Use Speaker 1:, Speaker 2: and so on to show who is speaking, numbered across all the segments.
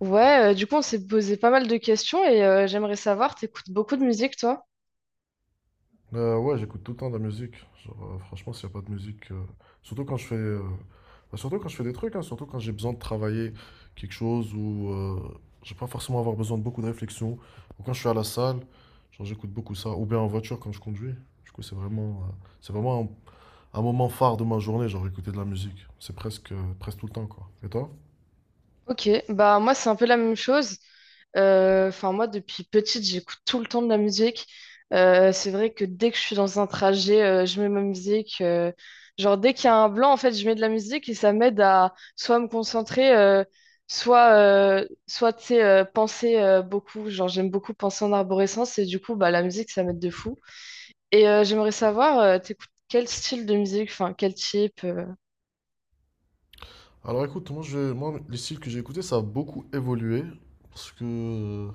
Speaker 1: Ouais, du coup, on s'est posé pas mal de questions et j'aimerais savoir, t'écoutes beaucoup de musique, toi?
Speaker 2: Ouais, J'écoute tout le temps de la musique. Franchement, s'il n'y a pas de musique, surtout quand surtout quand je fais des trucs, hein, surtout quand j'ai besoin de travailler quelque chose ou je vais pas forcément avoir besoin de beaucoup de réflexion. Ou quand je suis à la salle, genre j'écoute beaucoup ça. Ou bien en voiture quand je conduis. Du coup, c'est vraiment un, un moment phare de ma journée, genre écouter de la musique. C'est presque tout le temps, quoi. Et toi?
Speaker 1: Ok, bah moi, c'est un peu la même chose. Enfin, moi, depuis petite, j'écoute tout le temps de la musique. C'est vrai que dès que je suis dans un trajet, je mets ma musique, genre, dès qu'il y a un blanc, en fait, je mets de la musique et ça m'aide à soit me concentrer, soit, soit, tu sais, penser beaucoup. Genre, j'aime beaucoup penser en arborescence et du coup, bah, la musique, ça m'aide de fou. Et j'aimerais savoir, t'écoutes quel style de musique, enfin quel type
Speaker 2: Alors écoute, moi, les styles que j'ai écoutés, ça a beaucoup évolué parce que euh,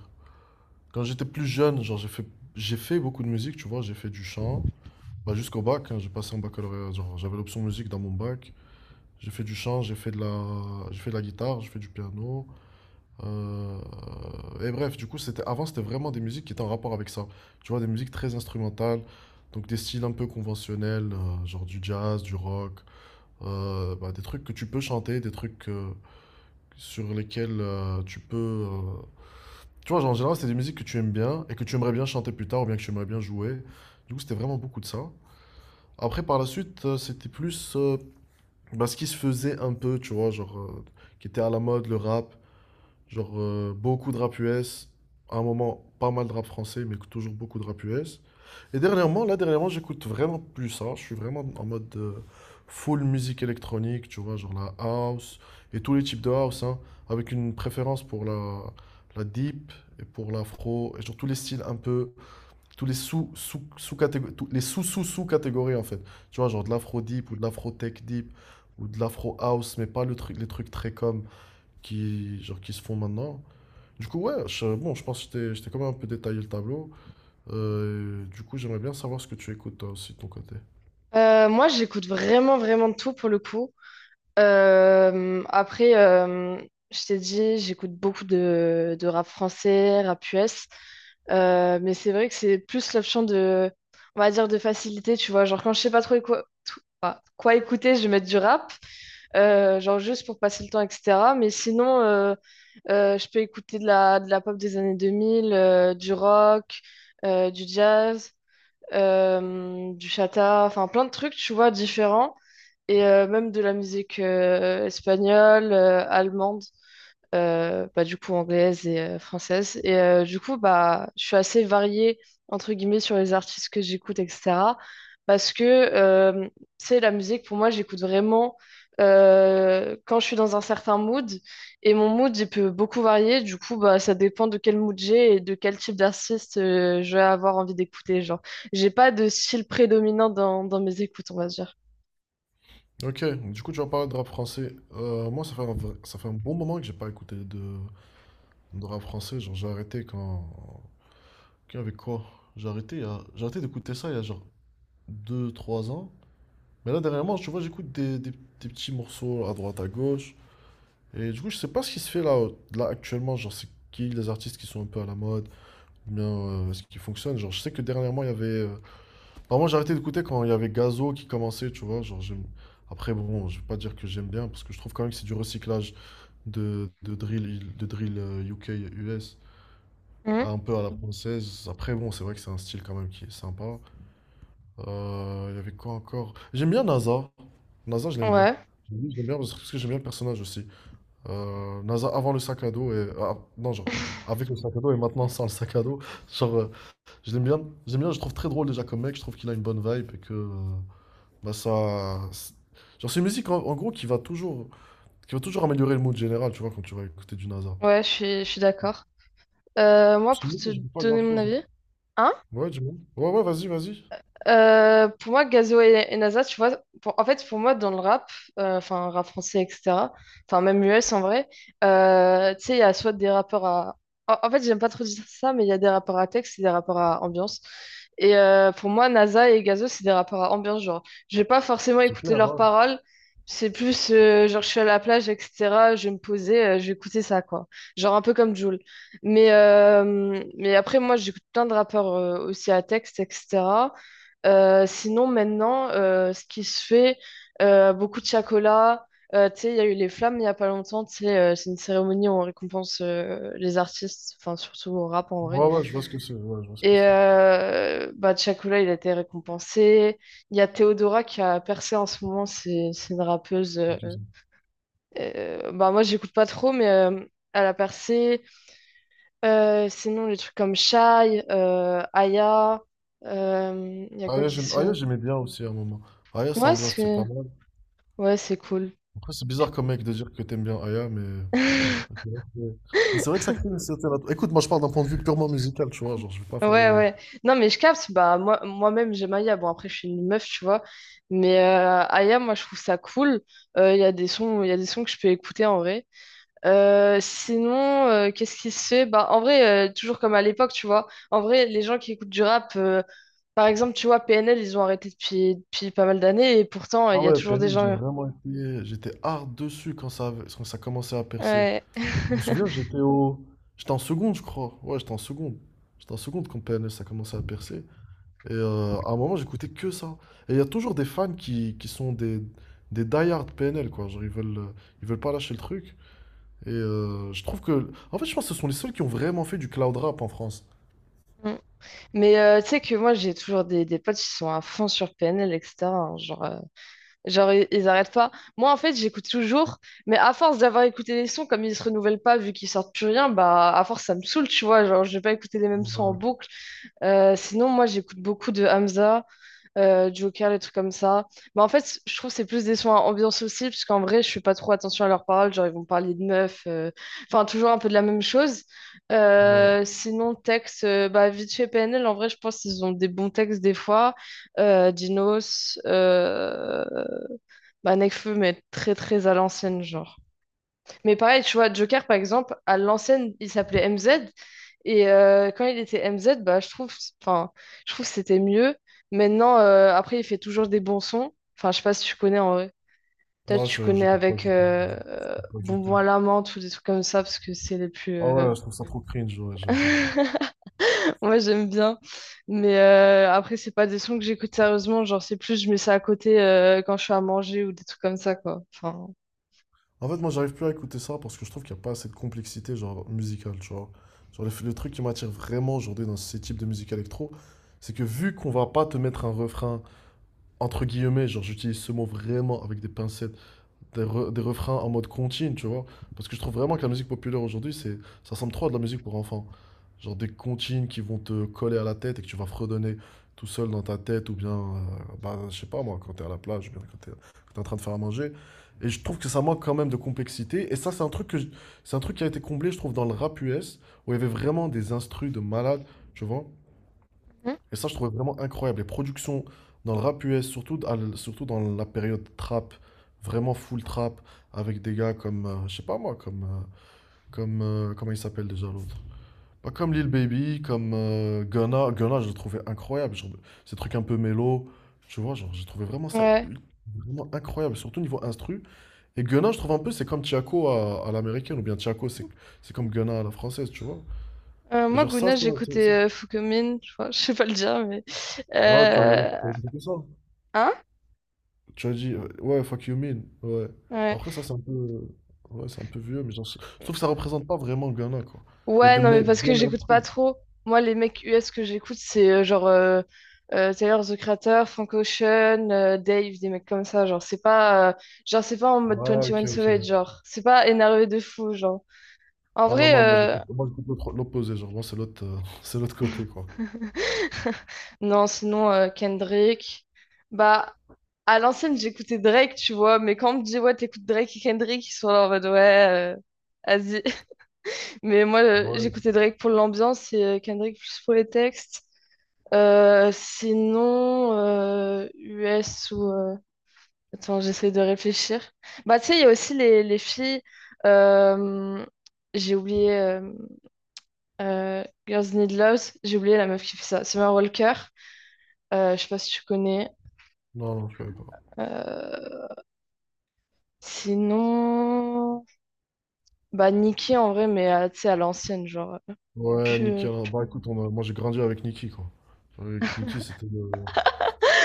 Speaker 2: Quand j'étais plus jeune, j'ai fait beaucoup de musique, tu vois, j'ai fait du chant. Bah, jusqu'au bac, hein, j'ai passé en baccalauréat, genre j'avais l'option musique dans mon bac. J'ai fait du chant, j'ai fait de la guitare, j'ai fait du piano. euh, Et bref, du coup, c'était avant, c'était vraiment des musiques qui étaient en rapport avec ça. Tu vois, des musiques très instrumentales, donc des styles un peu conventionnels, genre du jazz, du rock, bah, des trucs que tu peux chanter, des trucs sur lesquels tu peux euh, tu vois, genre, en général, c'est des musiques que tu aimes bien et que tu aimerais bien chanter plus tard ou bien que tu aimerais bien jouer. Du coup, c'était vraiment beaucoup de ça. Après, par la suite, c'était plus bah, ce qui se faisait un peu, tu vois, qui était à la mode, le rap. Beaucoup de rap US. À un moment, pas mal de rap français, mais toujours beaucoup de rap US. Et dernièrement, là, dernièrement, j'écoute vraiment plus ça. Je suis vraiment en mode full musique électronique, tu vois, genre la house et tous les types de house, hein, avec une préférence pour la deep et pour l'afro et genre tous les styles un peu, tous les sous sous sous catégories, les sous sous sous catégories en fait. Tu vois, genre de l'afro deep ou de l'afro tech deep ou de l'afro house, mais pas le truc, les trucs très comme qui genre qui se font maintenant. Du coup, ouais, bon, je pense que je t'ai quand même un peu détaillé le tableau. Du coup, j'aimerais bien savoir ce que tu écoutes toi aussi de ton côté.
Speaker 1: Moi, j'écoute vraiment, vraiment de tout pour le coup. Euh, après, euh, je t'ai dit, j'écoute beaucoup de rap français, rap US. Mais c'est vrai que c'est plus l'option, on va dire, de facilité, tu vois. Genre, quand je sais pas trop, quoi écouter, je vais mettre du rap. Genre juste pour passer le temps, etc. Mais sinon, je peux écouter de la pop des années 2000, du rock, du jazz, du chata, enfin plein de trucs, tu vois, différents. Et même de la musique espagnole, allemande du coup anglaise et française. Et je suis assez variée, entre guillemets, sur les artistes que j'écoute, etc. Parce que, tu sais, la musique, pour moi, j'écoute vraiment quand je suis dans un certain mood. Et mon mood, il peut beaucoup varier. Du coup, bah, ça dépend de quel mood j'ai et de quel type d'artiste je vais avoir envie d'écouter. Genre, j'ai pas de style prédominant dans mes écoutes, on va dire.
Speaker 2: Ok, du coup, tu vas parler de rap français. Moi, ça fait un bon moment que j'ai pas écouté de rap français. Genre, j'ai arrêté quand. Quand avec quoi? J'ai arrêté d'écouter ça il y a genre deux trois ans. Mais là, dernièrement, tu vois, j'écoute des petits morceaux à droite, à gauche. Et du coup, je sais pas ce qui se fait là actuellement. Genre, c'est qui les artistes qui sont un peu à la mode? Ou bien ce qui fonctionne? Genre, je sais que dernièrement, il y avait. Enfin, moi, j'ai arrêté d'écouter quand il y avait Gazo qui commençait, tu vois. Après, bon, je vais pas dire que j'aime bien, parce que je trouve quand même que c'est du recyclage de drill, de drill, UK, US,
Speaker 1: Mhm.
Speaker 2: un peu à la française. Après, bon, c'est vrai que c'est un style quand même qui est sympa. Il y avait quoi encore? J'aime bien NASA. NASA, je l'aime bien.
Speaker 1: Ouais,
Speaker 2: Oui, je l'aime bien parce que j'aime bien le personnage aussi. NASA avant le sac à dos et... ah, non, genre, avec le sac à dos et maintenant sans le sac à dos. Genre, euh, je l'aime bien. J'aime bien, je le trouve très drôle déjà comme mec. Je trouve qu'il a une bonne vibe et que... Bah ça... c'est- Genre c'est une musique en gros qui va toujours améliorer le mood général, tu vois, quand tu vas écouter du NASA.
Speaker 1: ouais, je suis d'accord. Moi, pour
Speaker 2: Sinon,
Speaker 1: te
Speaker 2: je dis pas
Speaker 1: donner mon
Speaker 2: grand-chose non
Speaker 1: avis,
Speaker 2: plus.
Speaker 1: hein?
Speaker 2: Ouais, dis-moi. Ouais, ouais, vas-y, vas-y.
Speaker 1: Pour moi, Gazo et NASA, tu vois, pour- en fait, pour moi, dans le rap, enfin, rap français, etc., enfin, même US en vrai, tu sais, il y a soit des rappeurs à. En fait, j'aime pas trop dire ça, mais il y a des rappeurs à texte et des rappeurs à ambiance. Et pour moi, Naza et Gazo, c'est des rappeurs à ambiance, genre, je vais pas forcément
Speaker 2: C'est
Speaker 1: écouter
Speaker 2: clair,
Speaker 1: leurs
Speaker 2: ouais.
Speaker 1: paroles, c'est plus, genre, je suis à la plage, etc., je vais me poser, je vais écouter ça, quoi. Genre, un peu comme Jul. Mais après, moi, j'écoute plein de rappeurs aussi à texte, etc. Sinon, maintenant, ce qui se fait, beaucoup de chocolat. Tu sais, il y a eu les flammes il n'y a pas longtemps. Tu sais, c'est une cérémonie où on récompense les artistes, enfin, surtout au rap en vrai.
Speaker 2: Ouais, ouais, je vois ce que c'est. Ouais, je vois ce que
Speaker 1: Et
Speaker 2: c'est.
Speaker 1: Chocolat, il a été récompensé. Il y a Théodora qui a percé en ce moment. C'est une rappeuse. euh,
Speaker 2: Ok, c'est bon.
Speaker 1: euh, bah, moi, j'écoute pas trop, mais elle a percé. Sinon, les trucs comme Shai, Aya. Il y a quoi qui se.
Speaker 2: Aya, j'aimais bien aussi à un moment. Aya, c'est
Speaker 1: Ouais,
Speaker 2: ambiance, c'est pas mal.
Speaker 1: c'est cool.
Speaker 2: Après, c'est bizarre comme mec de dire que t'aimes bien Aya, mais... c'est vrai que- Mais c'est vrai que ça crée une certaine... Écoute, moi, je parle d'un point de vue purement musical, tu vois, genre, je vais pas faire
Speaker 1: Ouais,
Speaker 2: le...
Speaker 1: ouais. Non, mais je capte, bah, moi, moi-même, j'aime Aya. Bon, après, je suis une meuf, tu vois. Mais Aya, moi, je trouve ça cool. Il y a des sons, il y a des sons que je peux écouter en vrai. Sinon, qu'est-ce qui se fait? Bah, en vrai, toujours comme à l'époque, tu vois. En vrai, les gens qui écoutent du rap, par exemple, tu vois, PNL, ils ont arrêté depuis pas mal d'années. Et pourtant, il
Speaker 2: Ah
Speaker 1: y a
Speaker 2: ouais,
Speaker 1: toujours des
Speaker 2: PNL, j'ai
Speaker 1: gens.
Speaker 2: vraiment été... J'étais hard dessus quand ça, avait- Quand ça commençait à percer.
Speaker 1: Ouais.
Speaker 2: Je me souviens, j'étais au... J'étais en seconde, je crois. Ouais, j'étais en seconde. J'étais en seconde quand PNL, ça commençait à percer. Et à un moment, j'écoutais que ça. Et il y a toujours des fans qui sont des die-hard PNL, quoi. Ils veulent pas lâcher le truc. Et je trouve que... En fait, je pense que ce sont les seuls qui ont vraiment fait du cloud rap en France.
Speaker 1: Mm. Mais tu sais que moi, j'ai toujours des potes qui sont à fond sur PNL, etc. hein, genre. Genre, ils arrêtent pas. Moi, en fait, j'écoute toujours, mais à force d'avoir écouté les sons, comme ils se renouvellent pas, vu qu'ils sortent plus rien, bah, à force, ça me saoule, tu vois. Genre, je vais pas écouter les mêmes sons en
Speaker 2: Ouais,
Speaker 1: boucle. Sinon, moi, j'écoute beaucoup de Hamza, Joker, les trucs comme ça. Mais en fait, je trouve que c'est plus des sons à ambiance aussi, parce qu'en vrai, je fais pas trop attention à leurs paroles. Genre, ils vont parler de meufs, enfin, toujours un peu de la même chose.
Speaker 2: ouais.
Speaker 1: Sinon, texte, vite fait PNL, en vrai, je pense qu'ils ont des bons textes des fois. Dinos, Nekfeu, mais très très à l'ancienne, genre. Mais pareil, tu vois, Joker, par exemple, à l'ancienne, il s'appelait MZ. Et quand il était MZ, bah, enfin, je trouve que c'était mieux. Maintenant, il fait toujours des bons sons. Enfin, je sais pas si tu connais en vrai. Peut-être
Speaker 2: Non,
Speaker 1: tu connais
Speaker 2: j'écoute pas
Speaker 1: avec
Speaker 2: du tout. J'écoute pas du tout.
Speaker 1: Bonbon à la menthe ou des trucs comme ça, parce que c'est les plus.
Speaker 2: Ah
Speaker 1: euh,
Speaker 2: ouais, je trouve ça trop cringe, ouais, j'aime pas.
Speaker 1: Moi, j'aime bien. Mais après, c'est pas des sons que j'écoute sérieusement. Genre, c'est plus, je mets ça à côté quand je suis à manger ou des trucs comme ça, quoi. Enfin,
Speaker 2: En fait, moi, j'arrive plus à écouter ça parce que je trouve qu'il n'y a pas assez de complexité, genre, musicale, tu vois. Genre, le truc qui m'attire vraiment aujourd'hui dans ces types de musique électro, c'est que vu qu'on va pas te mettre un refrain, entre guillemets, genre, j'utilise ce mot vraiment avec des pincettes, des refrains en mode contine, tu vois. Parce que je trouve vraiment que la musique populaire aujourd'hui, ça ressemble trop à de la musique pour enfants. Genre des comptines qui vont te coller à la tête et que tu vas fredonner tout seul dans ta tête, bah, je sais pas moi, quand t'es à la plage, ou bien quand quand t'es en train de faire à manger. Et je trouve que ça manque quand même de complexité. Et ça, c'est un truc qui a été comblé, je trouve, dans le rap US, où il y avait vraiment des instrus de malades, tu vois.
Speaker 1: Mhm.
Speaker 2: Et ça, je trouvais vraiment incroyable. Les productions dans le rap US, surtout dans la période trap, vraiment full trap, avec des gars comme, je sais pas moi, comme, comme, comment il s'appelle déjà l'autre? Pas comme Lil Baby, comme Gunna. Gunna, je le trouvais incroyable. Genre, ces trucs un peu mélo. Tu vois, genre, j'ai trouvé vraiment ça
Speaker 1: ouais.
Speaker 2: ul- vraiment incroyable, surtout niveau instru. Et Gunna, je trouve un peu, c'est comme Tiako à l'américaine, ou bien Tiako, c'est comme Gunna à la française, tu vois. Et
Speaker 1: Moi,
Speaker 2: genre, ça,
Speaker 1: Guna,
Speaker 2: c'est. c'est- c'est-
Speaker 1: j'écoutais Fukuyumin, je crois, je sais pas le dire, mais...
Speaker 2: Ah, tu as
Speaker 1: Euh,
Speaker 2: écouté ça?
Speaker 1: Hein?
Speaker 2: Ouais, fuck you mean, ouais. Mais
Speaker 1: Ouais.
Speaker 2: après, ça, c'est un peu. Ouais, c'est un peu vieux, mais genre, je trouve que ça représente pas vraiment Ghana, quoi. Il y a
Speaker 1: Ouais,
Speaker 2: de
Speaker 1: non, mais
Speaker 2: me-
Speaker 1: parce que
Speaker 2: Bien meilleurs
Speaker 1: j'écoute pas
Speaker 2: trucs.
Speaker 1: trop. Moi, les mecs US que j'écoute, c'est Tyler, The Creator, Frank Ocean, Dave, des mecs comme ça. Genre, c'est pas en mode
Speaker 2: Ouais,
Speaker 1: Twenty
Speaker 2: ok,
Speaker 1: One Savage,
Speaker 2: ok.
Speaker 1: genre. C'est pas énervé de fou, genre. En
Speaker 2: Ah non,
Speaker 1: vrai,
Speaker 2: non, l'opposé, genre moi c'est l'autre, c'est l'autre côté quoi.
Speaker 1: non, sinon, Kendrick. Bah, à l'ancienne, j'écoutais Drake, tu vois, mais quand on me dit, ouais, t'écoutes Drake et Kendrick, ils sont là en mode, ouais, vas-y. Mais moi,
Speaker 2: Ouais,
Speaker 1: j'écoutais Drake pour l'ambiance et Kendrick plus pour les textes. US ou... attends, j'essaie de réfléchir. Bah, tu sais, il y a aussi les filles... euh, J'ai oublié... euh, Girls Need Love. J'ai oublié la meuf qui fait ça. Summer Walker. Je sais pas si tu connais.
Speaker 2: non, non, je savais pas.
Speaker 1: Euh, Sinon... bah, Nicki, en vrai, mais tu sais, à l'ancienne, genre...
Speaker 2: Ouais,
Speaker 1: plus,
Speaker 2: Niki alors, bah écoute, moi j'ai grandi avec Niki quoi. Avec Nicki c'était le...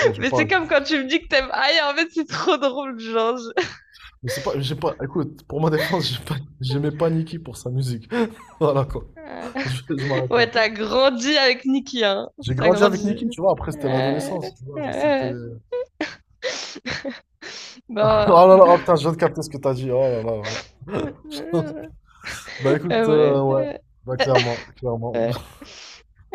Speaker 2: Bon, j'ai
Speaker 1: mais
Speaker 2: pas...
Speaker 1: c'est comme quand tu me dis que t'aimes Aïe, en fait, c'est trop drôle, genre...
Speaker 2: Mais c'est pas... J'ai pas... Écoute, pour ma défense, j'ai pas... j'aimais pas Niki pour sa musique. Voilà quoi.
Speaker 1: je-
Speaker 2: Je m'arrête là.
Speaker 1: Ouais, t'as grandi avec Nikki, hein.
Speaker 2: J'ai
Speaker 1: T'as
Speaker 2: grandi avec
Speaker 1: grandi.
Speaker 2: Niki tu vois, après c'était
Speaker 1: Euh,
Speaker 2: l'adolescence, tu vois, genre, c'était...
Speaker 1: euh, bon.
Speaker 2: Oh là là, oh, putain, je viens de capter ce que t'as dit, oh là là là là.
Speaker 1: Euh,
Speaker 2: Bah écoute,
Speaker 1: Bref.
Speaker 2: ouais,
Speaker 1: Ouais.
Speaker 2: bah clairement, clairement.
Speaker 1: Euh,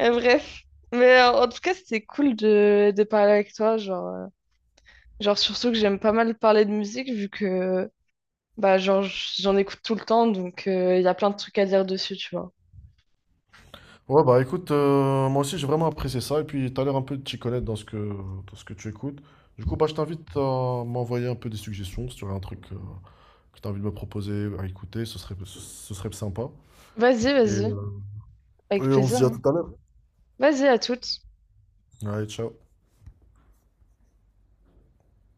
Speaker 1: Bref. Mais en tout cas, c'était cool de parler avec toi. Genre, surtout que j'aime pas mal parler de musique, vu que bah, genre, j'en écoute tout le temps. Donc, il y a plein de trucs à dire dessus, tu vois.
Speaker 2: Ouais, bah écoute, moi aussi j'ai vraiment apprécié ça et puis t'as l'air un peu de t'y connaître dans ce que tu écoutes. Du coup, bah je t'invite à m'envoyer un peu des suggestions si tu aurais un truc que tu as envie de me proposer à écouter, ce serait sympa.
Speaker 1: Vas-y,
Speaker 2: Et,
Speaker 1: vas-y.
Speaker 2: euh,
Speaker 1: Avec
Speaker 2: et on se
Speaker 1: plaisir.
Speaker 2: dit à
Speaker 1: Hein.
Speaker 2: tout à l'heure.
Speaker 1: Vas-y, à toutes.
Speaker 2: Allez, ciao.